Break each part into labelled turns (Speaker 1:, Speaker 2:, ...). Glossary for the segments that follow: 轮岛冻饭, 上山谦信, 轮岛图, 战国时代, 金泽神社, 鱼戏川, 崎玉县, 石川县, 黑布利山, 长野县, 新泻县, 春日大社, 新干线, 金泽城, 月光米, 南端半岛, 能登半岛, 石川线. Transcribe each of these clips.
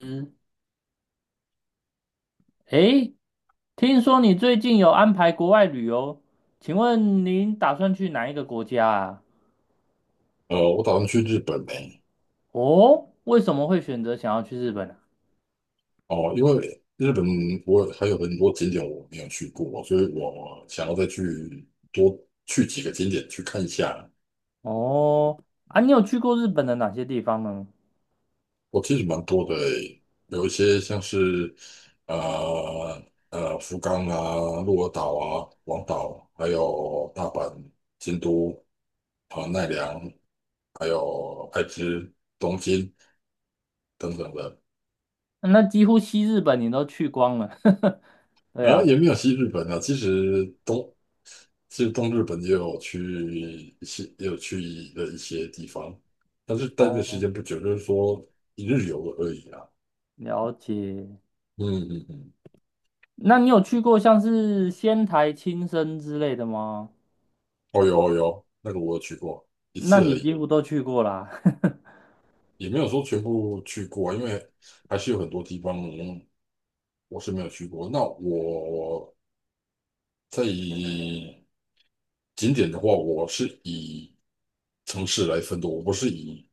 Speaker 1: 嗯。诶，听说你最近有安排国外旅游，请问您打算去哪一个国家啊？
Speaker 2: 我打算去日本呢、
Speaker 1: 哦，为什么会选择想要去日本啊？
Speaker 2: 哦，因为日本我还有很多景点我没有去过，所以我想要再去多去几个景点去看一下。
Speaker 1: 哦。啊，你有去过日本的哪些地方呢？
Speaker 2: 我其实蛮多的欸、有一些像是呃福冈啊、鹿儿岛啊、广岛，还有大阪、京都、啊奈良，还有爱知、东京等等的。
Speaker 1: 那几乎西日本你都去光了，对
Speaker 2: 也
Speaker 1: 啊。
Speaker 2: 没有西日本啊，其实东日本也有去一些，也有去的一些地方，但是待的时
Speaker 1: 哦，
Speaker 2: 间不久，就是说一日游而已啊。
Speaker 1: 了解。
Speaker 2: 嗯嗯嗯，
Speaker 1: 那你有去过像是仙台、青森之类的吗？
Speaker 2: 哦有哦有，那个我有去过一
Speaker 1: 那
Speaker 2: 次而
Speaker 1: 你几
Speaker 2: 已，
Speaker 1: 乎都去过啦。
Speaker 2: 也没有说全部去过啊，因为还是有很多地方我是没有去过。那我在以景点的话，我是以城市来分的，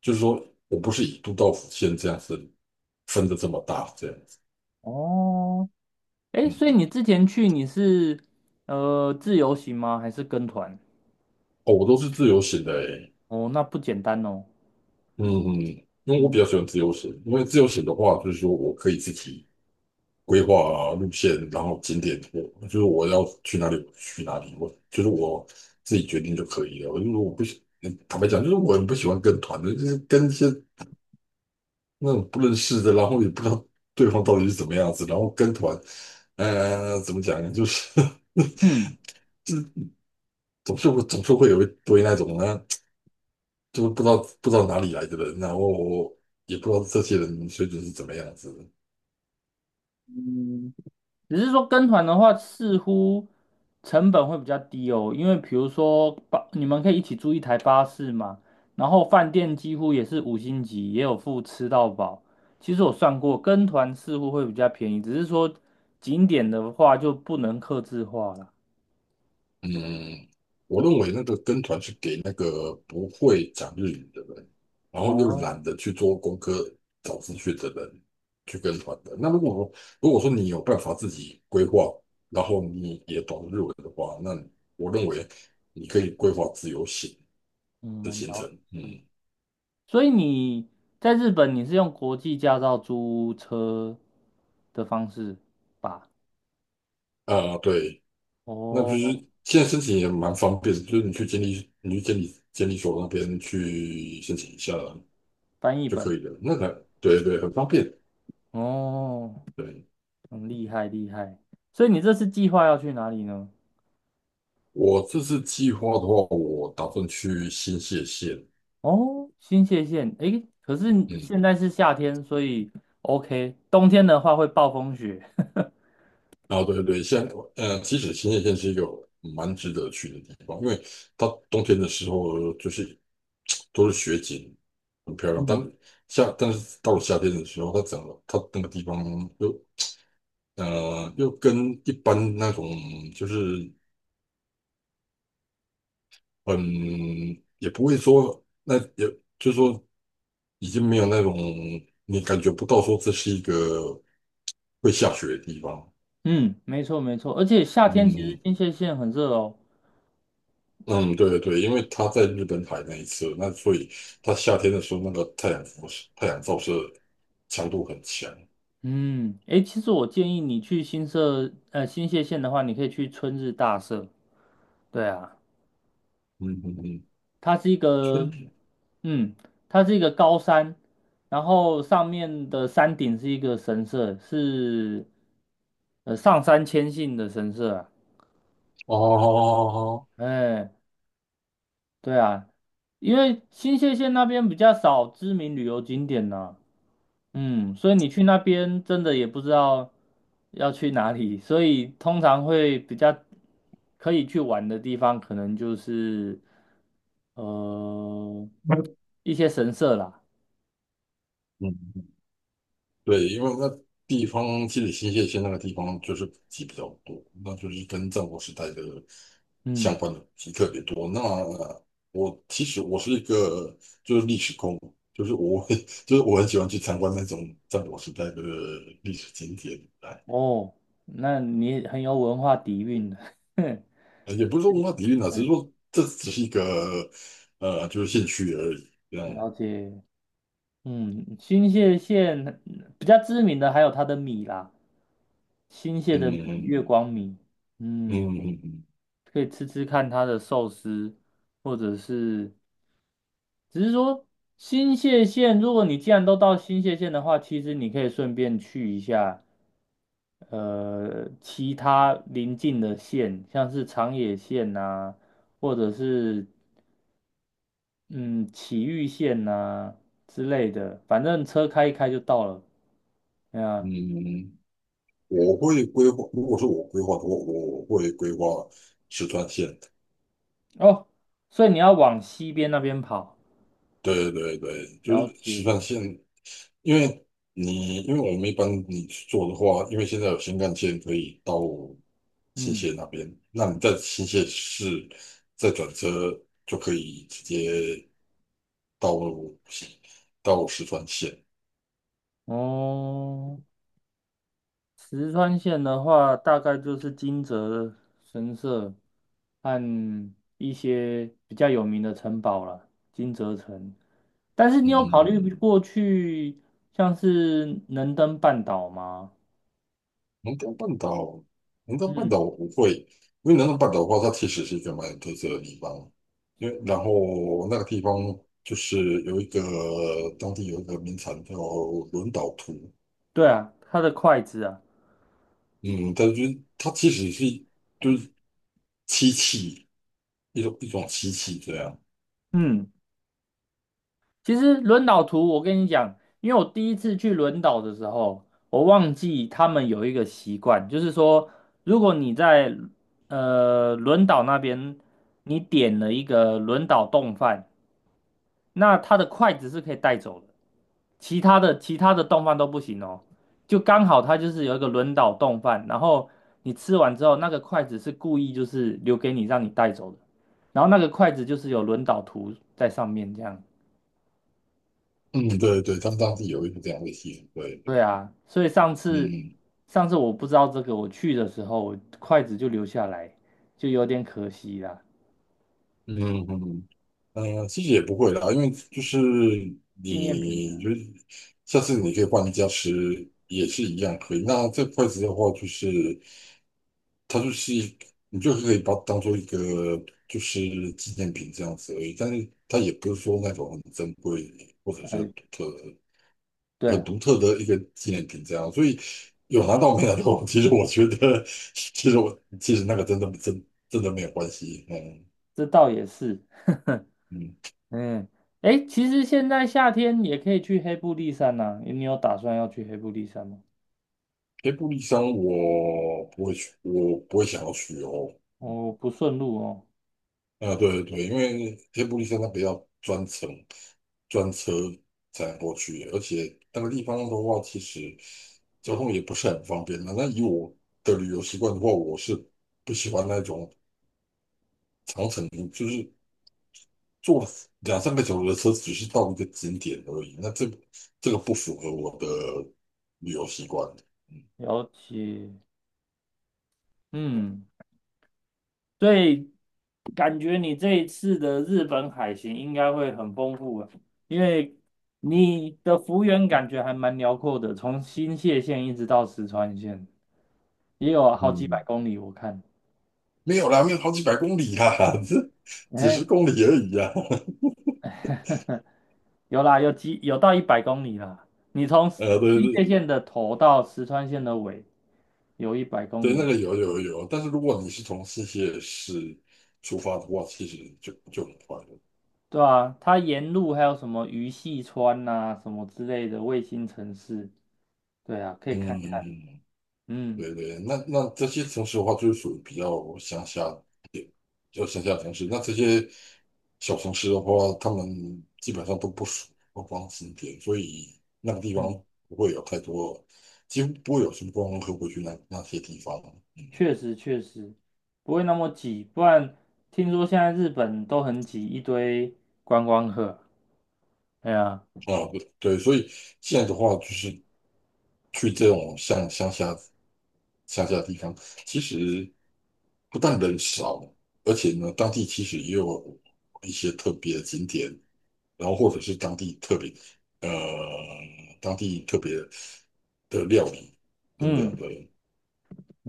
Speaker 2: 就是说我不是以都道府县这样子分的这么大这样子。
Speaker 1: 哦，哎，
Speaker 2: 嗯，
Speaker 1: 所以你之前去你是自由行吗？还是跟团？
Speaker 2: 哦，我都是自由行的诶。
Speaker 1: 哦，那不简单哦。
Speaker 2: 嗯嗯，因为我比较
Speaker 1: 嗯
Speaker 2: 喜欢自由行，因为自由行的话，就是说我可以自己规划啊路线，然后景点，我就是我要去哪里我去哪里，我就是我自己决定就可以了。我就是我不喜，嗯坦白讲，就是我很不喜欢跟团的，就是跟一些那种不认识的，然后也不知道对方到底是怎么样子，然后跟团，怎么讲呢，就是
Speaker 1: 嗯
Speaker 2: 总是会有一堆那种呢，就是不知道哪里来的人啊，然后也不知道这些人水准是怎么样子的。
Speaker 1: 嗯，只是说跟团的话，似乎成本会比较低哦，因为比如说巴，你们可以一起租一台巴士嘛，然后饭店几乎也是五星级，也有付吃到饱。其实我算过，跟团似乎会比较便宜，只是说景点的话就不能客制化了。
Speaker 2: 嗯，我认为那个跟团是给那个不会讲日语的人，然后又
Speaker 1: 哦。
Speaker 2: 懒得去做功课、找资讯的人去跟团的。那如果说你有办法自己规划，然后你也懂日文的话，那我认为你可以规划自由行的
Speaker 1: 嗯，
Speaker 2: 行
Speaker 1: 了
Speaker 2: 程。
Speaker 1: 解。
Speaker 2: 嗯，
Speaker 1: 所以你在日本你是用国际驾照租车的方式吧？
Speaker 2: 啊、对，那就
Speaker 1: 哦，
Speaker 2: 是现在申请也蛮方便的就是你去监理所那边去申请一下
Speaker 1: 翻译
Speaker 2: 就可
Speaker 1: 本。
Speaker 2: 以了。那个，对对，很方便。
Speaker 1: 哦，
Speaker 2: 对。
Speaker 1: 很厉害厉害。所以你这次计划要去哪里呢？
Speaker 2: 我这次计划的话，我打算去新泻县。
Speaker 1: 哦，新泻县。诶，可是
Speaker 2: 嗯，
Speaker 1: 现在是夏天，所以 OK。冬天的话会暴风雪。
Speaker 2: 啊，对对，现在其实新泻县是一个蛮值得去的地方，因为它冬天的时候就是都是雪景，很漂亮。但
Speaker 1: 嗯
Speaker 2: 夏，但是到了夏天的时候，它整个它那个地方又又跟一般那种就是嗯，也不会说那也就是说已经没有那种你感觉不到说这是一个会下雪的地方。
Speaker 1: 嗯，没错没错，而且夏天其实
Speaker 2: 嗯
Speaker 1: 新泻县很热哦。
Speaker 2: 嗯，对对对，因为他在日本海那一次，那所以他夏天的时候，那个太阳辐射、太阳照射强度很强。
Speaker 1: 嗯，诶，其实我建议你去新社新泻县的话，你可以去春日大社。对啊。
Speaker 2: 嗯嗯嗯，
Speaker 1: 它是一
Speaker 2: 春
Speaker 1: 个，
Speaker 2: 天
Speaker 1: 嗯，它是一个高山，然后上面的山顶是一个神社，是上山谦信的神社啊。
Speaker 2: 哦，
Speaker 1: 哎，对啊，因为新泻县那边比较少知名旅游景点呢、嗯，所以你去那边真的也不知道要去哪里，所以通常会比较可以去玩的地方，可能就是呃一些神社啦。
Speaker 2: 嗯，对，因为那地方积累新泻县那个地方就是古迹比较多，那就是跟战国时代的相
Speaker 1: 嗯。
Speaker 2: 关的古迹特别多。那我其实我是一个就是历史控，就是我会 就是我很喜欢去参观那种战国时代的历史景点。
Speaker 1: 哦，那你很有文化底蕴的。
Speaker 2: 也不是说文化底蕴啊，只是
Speaker 1: 嗯，
Speaker 2: 说这只是一个就是兴趣而已。对样。
Speaker 1: 了解。嗯，新泻县嗯比较知名的还有它的米啦，新泻
Speaker 2: 嗯
Speaker 1: 的米，月
Speaker 2: 嗯
Speaker 1: 光米。嗯，
Speaker 2: 嗯
Speaker 1: 可以吃吃看它的寿司，或者是，只是说新泻县，如果你既然都到新泻县的话，其实你可以顺便去一下，其他邻近的县，像是长野县呐、或者是嗯，崎玉县呐、之类的，反正车开一开就到了。对
Speaker 2: 嗯，
Speaker 1: 啊。
Speaker 2: 嗯我会规划。如果是我规划的话，我会规划十川线。
Speaker 1: 哦，所以你要往西边那边跑。
Speaker 2: 对对对，就是
Speaker 1: 了
Speaker 2: 实
Speaker 1: 解。
Speaker 2: 际线，因为你因为我们一般你去做的话，因为现在有新干线可以到新
Speaker 1: 嗯。
Speaker 2: 泻那边，那你在新泻市再转车就可以直接到到石川线。
Speaker 1: 哦，石川县的话，大概就是金泽神社和一些比较有名的城堡了，金泽城。但是
Speaker 2: 嗯
Speaker 1: 你有
Speaker 2: 嗯
Speaker 1: 考虑
Speaker 2: 嗯。
Speaker 1: 过去像是能登半岛吗？
Speaker 2: 南端半岛，南端半岛
Speaker 1: 嗯，
Speaker 2: 我不会，因为南端半岛的话，它其实是一个蛮有特色的地方。因为然后那个地方就是有一个当地有一个名产叫轮岛图。
Speaker 1: 对啊，它的筷子啊。
Speaker 2: 嗯，但就是它其实是就是漆器一种漆器这样。
Speaker 1: 嗯。其实轮岛图，我跟你讲，因为我第一次去轮岛的时候，我忘记他们有一个习惯，就是说，如果你在轮岛那边，你点了一个轮岛冻饭，那它的筷子是可以带走的，其他的冻饭都不行哦。就刚好它就是有一个轮岛冻饭，然后你吃完之后，那个筷子是故意就是留给你让你带走的，然后那个筷子就是有轮岛图在上面这样。
Speaker 2: 嗯，对对，他们当地有一个这样的习俗，对，对。
Speaker 1: 对啊，所以上次
Speaker 2: 嗯
Speaker 1: 上次我不知道这个，我去的时候筷子就留下来，就有点可惜啦。
Speaker 2: 嗯嗯嗯。嗯，其实也不会啦，因为就是
Speaker 1: 纪念品
Speaker 2: 你就是下次你可以换一家吃，也是一样可以。那这筷子的话，就是它就是一你就可以把它当做一个就是纪念品这样子而已，但是它也不是说那种很珍贵或者
Speaker 1: 啊。
Speaker 2: 是
Speaker 1: 对
Speaker 2: 很
Speaker 1: 了，
Speaker 2: 独特的一个纪念品这样。所以有拿到没拿到，其实我觉得，其实我其实那个真的真的没有关系。嗯
Speaker 1: 这倒也是。
Speaker 2: 嗯。
Speaker 1: 嗯，哎，其实现在夏天也可以去黑布利山呐、你有打算要去黑布利山吗？
Speaker 2: 黑布利山我不会去，我不会想要去哦。
Speaker 1: 哦，不顺路哦。
Speaker 2: 啊，对对，因为黑布利山它比较专程专车才能过去，而且那个地方的话，其实交通也不是很方便的。那以我的旅游习惯的话，我是不喜欢那种长程，就是坐两三个小时的车，只是到一个景点而已。那这个不符合我的旅游习惯。
Speaker 1: 了解。嗯。所以感觉你这一次的日本海行应该会很丰富啊，因为你的幅员感觉还蛮辽阔的，从新泻县一直到石川县，也有好几百
Speaker 2: 嗯，
Speaker 1: 公里。我看，
Speaker 2: 没有啦，没有好几百公里啦，这几十
Speaker 1: 哎，
Speaker 2: 公里而已啊。
Speaker 1: 有啦，有几有到一百公里啦。你从新
Speaker 2: 对
Speaker 1: 泻
Speaker 2: 对
Speaker 1: 县的头到石川县的尾，有一百公
Speaker 2: 对，
Speaker 1: 里
Speaker 2: 那
Speaker 1: 吧？
Speaker 2: 个有有有，但是如果你是从新泻市出发的话，其实就很快了。
Speaker 1: 对啊，它沿路还有什么鱼戏川呐、什么之类的卫星城市，对啊，可以
Speaker 2: 嗯，
Speaker 1: 看
Speaker 2: 嗯
Speaker 1: 看。
Speaker 2: 嗯嗯
Speaker 1: 嗯。
Speaker 2: 对对，那那这些城市的话，就是属于比较乡下一点，比较乡下城市。那这些小城市的话，他们基本上都不属于观光景点，所以那个地方
Speaker 1: 嗯
Speaker 2: 不会有太多，几乎不会有什么观光客会去那那些地方。嗯，
Speaker 1: 确实确实不会那么挤，不然听说现在日本都很挤，一堆观光客。哎呀，
Speaker 2: 啊，对对，所以现在的话，就是去这种像乡下地方，其实不但人少，而且呢，当地其实也有一些特别的景点。然后或者是当地特别呃当地特别的料理等等
Speaker 1: 嗯
Speaker 2: 的。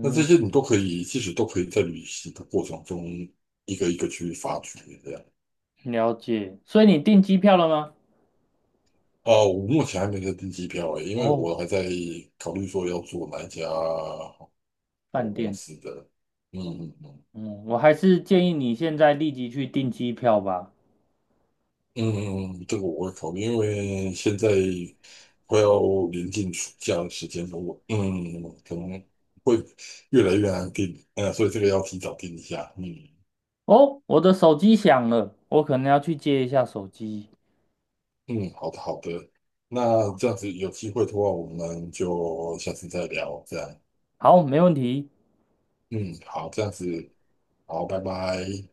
Speaker 2: 那这些你都可以，其实都可以在旅行的过程中一个一个去发掘这样。
Speaker 1: 了解。所以你订机票了吗？
Speaker 2: 啊、我目前还没在订机票诶，因为
Speaker 1: 哦，
Speaker 2: 我还在考虑说要做哪一家航空
Speaker 1: 饭
Speaker 2: 公
Speaker 1: 店。
Speaker 2: 司的。嗯嗯嗯。
Speaker 1: 嗯，我还是建议你现在立即去订机票吧。
Speaker 2: 嗯，这个我会考虑，因为现在快要临近暑假的时间了，我嗯可能会越来越难定，所以这个要提早定一下。嗯
Speaker 1: 哦，我的手机响了，我可能要去接一下手机。
Speaker 2: 嗯，好的好的，那这样子有机会的话，我们就下次再聊，这样。
Speaker 1: 好，没问题。
Speaker 2: 嗯，好，这样子，好，拜拜。